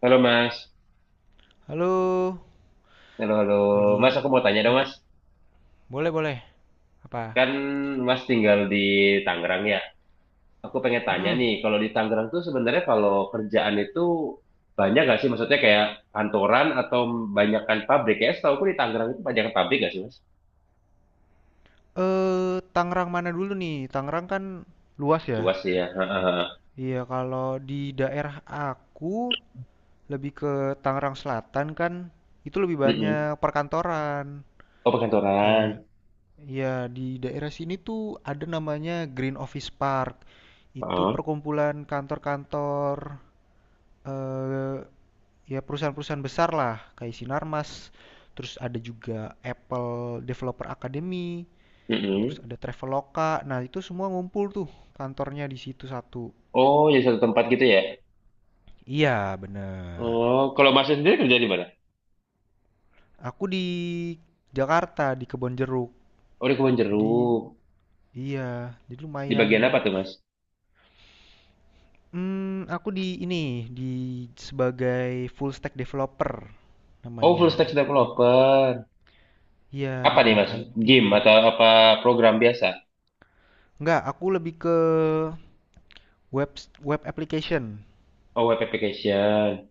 Halo Mas, Halo, halo halo Mas, lagi aku mau tanya dong lagi Mas, boleh boleh apa? kan Mas tinggal di Tangerang ya. Aku pengen tanya Mm-mm. nih, kalau di Tangerang tuh sebenarnya kalau kerjaan itu banyak gak sih? Maksudnya kayak kantoran atau banyakkan pabrik ya? Setahu aku di Tangerang itu banyakkan pabrik gak sih Mas? Eh, Tangerang mana dulu nih? Tangerang kan luas ya. Luas sih ya. Heeh. Iya, kalau di daerah aku lebih ke Tangerang Selatan kan itu lebih banyak Mm-mm. perkantoran. Oh perkantoran. Kayak ya di daerah sini tuh ada namanya Green Office Park. Itu Heeh. perkumpulan kantor-kantor eh ya perusahaan-perusahaan besar lah kayak Sinarmas terus ada juga Apple Developer Academy terus Mm-mm. ada Traveloka, nah itu semua ngumpul tuh kantornya di situ satu. Oh jadi satu tempat gitu ya? Iya bener, Oh kalau Mas sendiri kerja di mana? aku di Jakarta di Kebonjeruk. Oh di Kebon Jadi, Jeruk. iya, jadi Di bagian apa lumayan. tuh Mas? Aku di ini di sebagai full stack developer Oh full namanya. stack Di- developer. iya, di Apa nih bidang Mas? IT. Game atau apa program biasa? Enggak, aku lebih ke web web application. Oh, web application.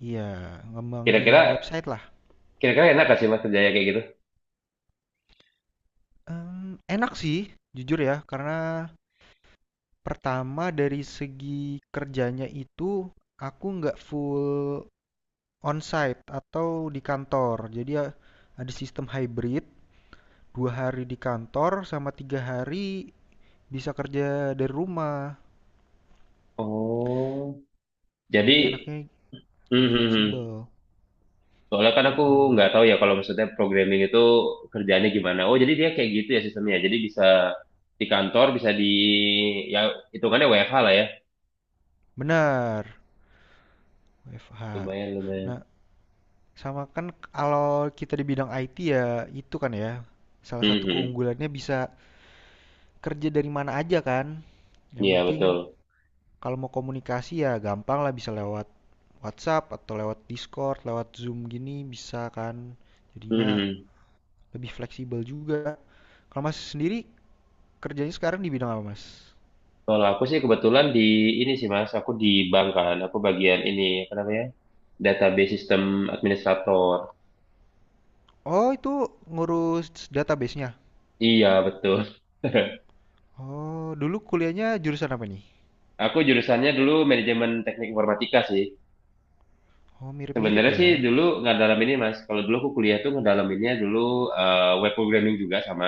Iya, Kira-kira ngembangin website lah. kira-kira enak gak sih Mas kerjanya kayak gitu? Enak sih, jujur ya, karena pertama dari segi kerjanya itu aku nggak full onsite atau di kantor. Jadi ya ada sistem hybrid, 2 hari di kantor sama 3 hari bisa kerja dari rumah. Oh, jadi Jadi enaknya hmm, lebih hmm, fleksibel, hmm. Soalnya kan aku mhm, nggak tahu ya kalau maksudnya programming itu kerjaannya gimana. Oh, jadi dia kayak gitu ya sistemnya. Jadi bisa di kantor, bisa di ya hitungannya WFH lah ya. benar, WFH. Lumayan, lumayan. Nah, sama kan kalau kita di bidang IT ya itu kan ya salah satu Hmm, hmm. keunggulannya bisa kerja dari mana aja kan. Yang Iya, penting betul. kalau mau komunikasi ya gampang lah, bisa lewat WhatsApp atau lewat Discord, lewat Zoom gini bisa kan. Hmm, Jadinya hmm. lebih fleksibel juga. Kalau Mas sendiri kerjanya sekarang di bidang apa Mas? Kalau aku sih kebetulan di ini sih Mas, aku di bank kan, aku bagian ini apa namanya? Database System Administrator. Oh itu ngurus database-nya. Iya, betul. Oh dulu kuliahnya jurusan apa nih? Aku jurusannya dulu manajemen teknik informatika sih. Oh mirip-mirip Sebenarnya sih ya. dulu nggak dalam ini mas. Kalau dulu aku kuliah tuh ngedalaminnya dulu web programming juga sama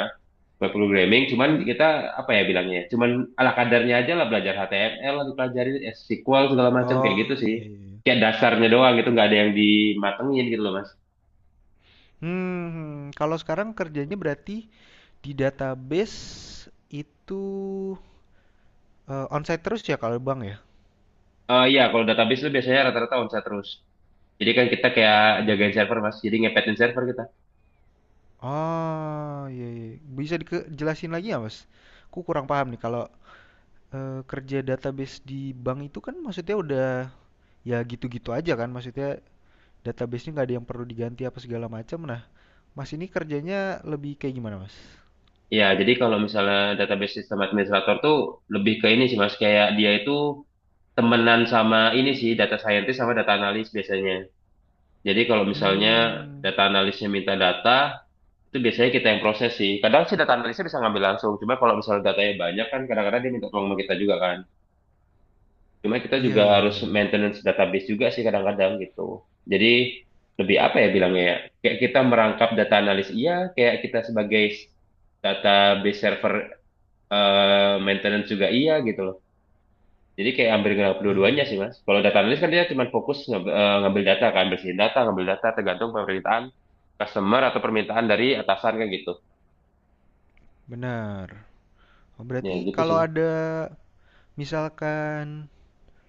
web programming. Cuman Mm-mm. kita apa ya bilangnya? Cuman ala kadarnya aja lah belajar HTML, lah dipelajarin SQL segala macam kayak gitu Oh sih. iya iya. Kayak dasarnya doang gitu nggak ada yang dimatengin gitu loh mas. Kalau sekarang kerjanya berarti di database itu onsite terus ya kalau Bang ya? Iya, kalau database itu biasanya rata-rata onsite terus. Jadi kan kita kayak jagain server mas, jadi ngepetin server kita. Oh, iya, iya. Bisa dijelasin lagi ya Mas? Aku kurang paham nih kalau kerja database di bank itu kan maksudnya udah ya gitu-gitu aja kan? Maksudnya databasenya nggak ada yang perlu diganti apa segala macam. Nah, Mas ini kerjanya lebih kayak gimana Mas? Iya, jadi kalau misalnya database sistem administrator tuh lebih ke ini sih mas, kayak dia itu temenan sama ini sih, data scientist sama data analis biasanya. Jadi kalau misalnya Hmm. data analisnya minta data, itu biasanya kita yang proses sih. Kadang sih data analisnya bisa ngambil langsung, cuma kalau misalnya datanya banyak kan kadang-kadang dia minta tolong sama kita juga kan. Cuma kita Iya, juga iya, harus iya, iya. maintenance database juga sih kadang-kadang gitu. Jadi lebih apa ya bilangnya ya? Kayak kita merangkap data analis, iya. Kayak kita sebagai database server maintenance juga iya gitu loh. Jadi kayak ngambil Ah, dua-duanya sih mas. Kalau data analis kan dia cuma fokus ngambil, ngambil data kan, bersihin data, ngambil data tergantung permintaan customer atau permintaan dari atasan kan gitu. benar. Oh, Ya berarti gitu kalau sih. ada misalkan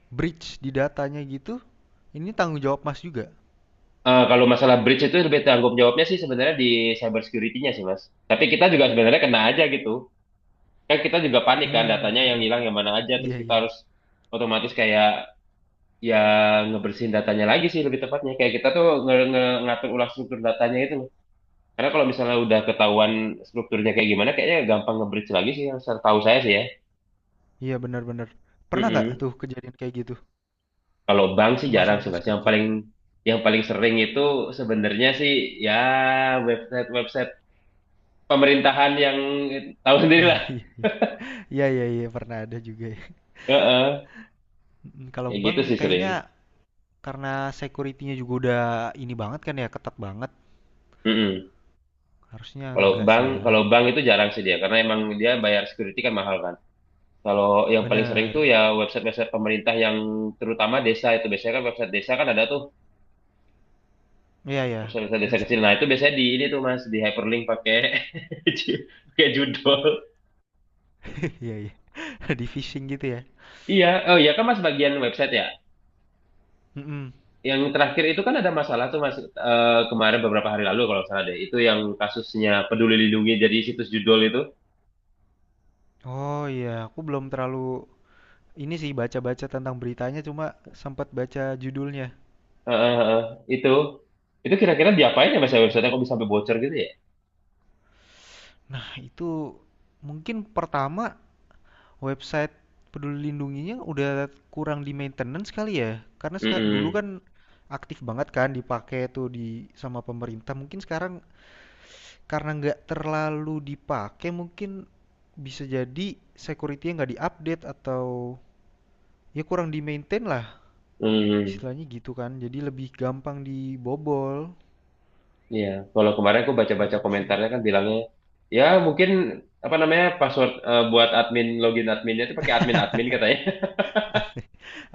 breach di datanya gitu, ini tanggung jawab Mas juga? Eh, kalau masalah breach itu lebih tanggung jawabnya sih sebenarnya di cyber security-nya sih mas. Tapi kita juga sebenarnya kena aja gitu. Kan kita juga panik kan Hmm, datanya yang mhm. hilang yang mana aja Iya, terus kita iya. harus otomatis kayak ya ngebersihin datanya lagi sih lebih tepatnya kayak kita tuh nge nge- ngatur ulang struktur datanya itu loh. Karena kalau misalnya udah ketahuan strukturnya kayak gimana kayaknya gampang nge-breach lagi sih yang tahu saya sih ya. Iya, benar benar. Pernah nggak Mm-mm. tuh kejadian kayak gitu, Kalau bank sih jarang semasa sih Mas mas kerja? Yang paling sering itu sebenarnya sih ya website website pemerintahan yang eh, tahu sendiri Iya, lah. iya, iya. Iya, iya, iya, pernah ada juga ya. Heeh. Mhm. Kalau Kayak gitu bank sih sering. kayaknya karena security-nya juga udah ini banget kan ya, ketat banget, Mm-mm. harusnya Kalau enggak bank, sih ya. kalau bank itu jarang sih dia, karena emang dia bayar security kan mahal kan. Kalau yang paling sering tuh Bener. ya website-website pemerintah yang terutama desa itu biasanya kan website desa kan ada tuh Iya ya, website-website desa kecil. website. Nah itu biasanya di ini tuh mas di hyperlink pakai ju- pakai judul. Iya, iya. Di-phishing gitu ya? Iya, oh iya kan mas bagian website ya. Mhm. Yang terakhir itu kan ada masalah tuh mas kemarin beberapa hari lalu kalau nggak salah deh. Itu yang kasusnya Peduli Lindungi jadi situs judul itu. Oh iya, aku belum terlalu. Ini sih baca-baca tentang beritanya, cuma sempat baca judulnya. Eh, eh, eh, itu itu kira-kira diapain ya mas ya websitenya kok bisa sampai bocor gitu ya? Nah, itu mungkin pertama website Peduli Lindunginya udah kurang di maintenance kali ya. Karena dulu Mm-mm. kan aktif banget kan dipakai tuh di sama pemerintah. Mungkin sekarang karena nggak terlalu dipakai, mungkin bisa jadi security-nya nggak diupdate atau ya kurang di maintain lah. Hmm, Istilahnya gitu kan. Jadi lebih gampang dibobol. iya. Kalau kemarin aku baca-baca Menurut aku sih komentarnya gitu. kan bilangnya, ya mungkin apa namanya password buat admin login adminnya itu pakai admin admin katanya. Admin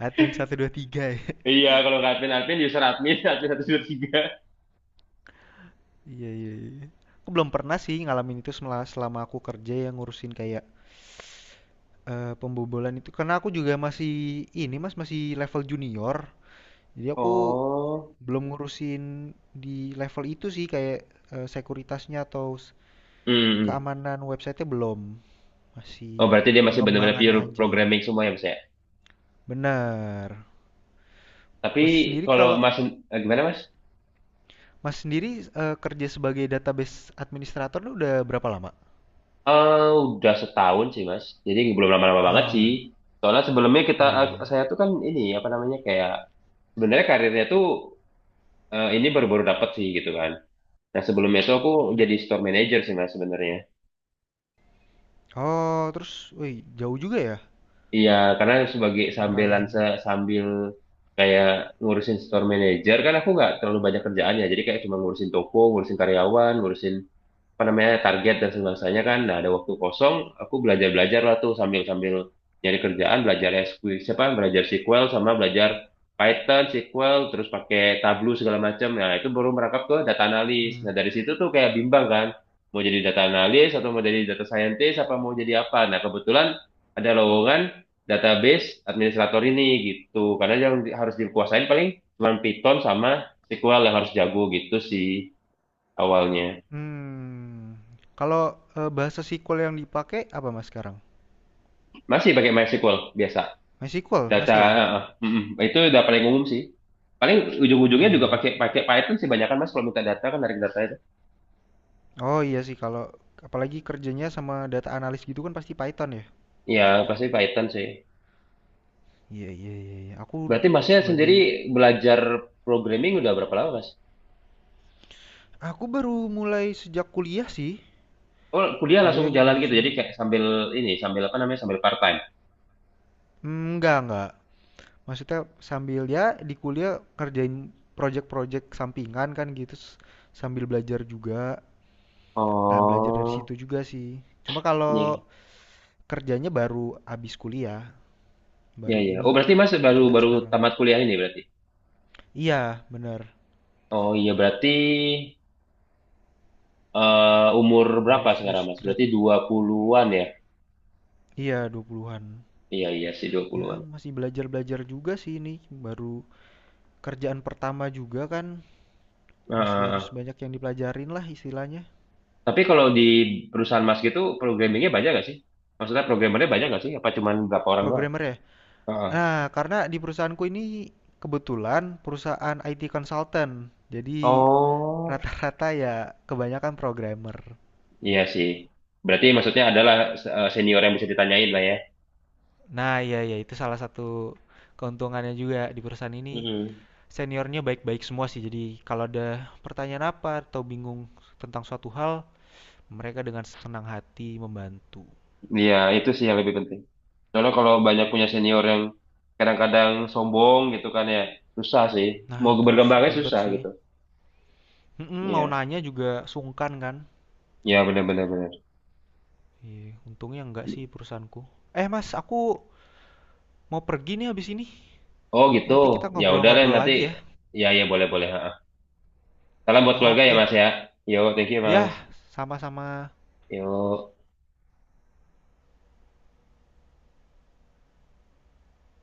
admin 1 2 3 ya. Iya, kalau nggak admin admin user admin admin 1, 2 3. Iya, iya, iya. Aku belum pernah sih ngalamin itu selama aku kerja yang ngurusin kayak pembobolan itu. Karena aku juga masih ini Mas, masih level junior. Jadi aku Oh, belum ngurusin di level itu sih kayak sekuritasnya atau hmm. keamanan websitenya belum. Masih Oh berarti dia masih benar-benar pengembangannya pure aja. programming semua ya mas ya. Benar. Tapi Mas sendiri kalau kalau mas gimana mas? Mas sendiri kerja sebagai database administrator lu udah berapa lama? Eh udah setahun sih mas. Jadi belum lama-lama banget sih. Ah, Soalnya sebelumnya iya iya. Saya tuh kan ini apa namanya kayak sebenarnya karirnya tuh ini baru-baru dapet sih gitu kan. Nah sebelumnya itu aku Hmm. jadi store manager sih mas sebenarnya. Oh, terus, wih, jauh juga ya Iya karena sebagai sambilan beralihannya. Sambil kayak ngurusin store manager kan aku nggak terlalu banyak kerjaan ya. Jadi kayak cuma ngurusin toko, ngurusin karyawan, ngurusin apa namanya target dan sebangsanya kan nah ada waktu kosong aku belajar belajar lah tuh sambil sambil nyari kerjaan belajar SQL siapa belajar SQL sama belajar Python SQL terus pakai Tableau segala macam nah itu baru merangkap ke data analis Hmm. nah dari situ tuh kayak bimbang kan mau jadi data analis atau mau jadi data scientist apa mau jadi apa nah kebetulan ada lowongan database administrator ini gitu karena yang harus dikuasain paling cuma Python sama SQL yang harus jago gitu sih awalnya. Hmm. Kalau bahasa SQL yang dipakai apa Mas sekarang? Masih pakai MySQL biasa. MySQL Data masih ya? eh, eh, mm, mm. Itu udah paling umum sih. Paling ujung-ujungnya Iya, juga iya. pakai pakai Python sih banyak kan Mas kalau minta data kan narik data itu. Oh, iya sih kalau apalagi kerjanya sama data analis gitu kan pasti Python ya. Ya, pasti Python sih. Iya, iya, iya, iya. Berarti Masnya sendiri sebagai belajar programming udah berapa lama, Mas? aku baru mulai sejak kuliah sih. Oh, kuliah langsung Kuliah ke jalan gitu. Jadi jurusannya. kayak sambil ini, sambil apa namanya? Sambil part time. Hmm, enggak, enggak. Maksudnya sambil ya di kuliah kerjain project-project sampingan kan gitu sambil belajar juga. Nah, belajar dari Oh, situ juga sih. Cuma kalau iya. kerjanya baru habis kuliah, Iya, baru iya. Oh, ini berarti Mas baru kerjaan baru sekarang. tamat kuliah ini berarti. Iya, benar. Oh, iya berarti umur Baru berapa sekarang, fresh Mas? grad. Berarti 20-an ya? Iya, 20-an. Iya, iya sih Ya, masih belajar-belajar juga sih ini. Baru kerjaan pertama juga kan. Masih harus 20-an. banyak yang dipelajarin lah istilahnya. Tapi kalau di perusahaan Mas gitu programmingnya banyak nggak sih? Maksudnya programmernya banyak nggak sih? Apa cuman berapa orang doang? Programmer ya? Heeh. Nah, karena di perusahaanku ini kebetulan perusahaan IT consultant. Jadi Oh, rata-rata ya kebanyakan programmer. iya sih. Berarti maksudnya adalah senior yang bisa ditanyain lah ya. Nah, iya iya itu salah satu keuntungannya juga di perusahaan ini. Mm-mm. Seniornya baik-baik semua sih. Jadi kalau ada pertanyaan apa atau bingung tentang suatu hal, mereka dengan senang hati membantu. Iya, itu sih yang lebih penting. Soalnya kalau banyak punya senior yang kadang-kadang sombong gitu kan ya, susah sih. Nah, Mau itu berkembangnya ribet susah sih. gitu. Mm-mm, mau Iya, nanya juga sungkan kan? iya benar-benar benar. Benar, Iya, untungnya enggak benar. sih perusahaanku. Eh, Mas, aku mau pergi nih habis ini. Oh gitu, Nanti kita ya udah lah ngobrol-ngobrol nanti. lagi ya. Ya ya boleh boleh. Salam buat keluarga ya Oke. Mas ya. Yo, thank you Mas. Ya, sama-sama. Yo.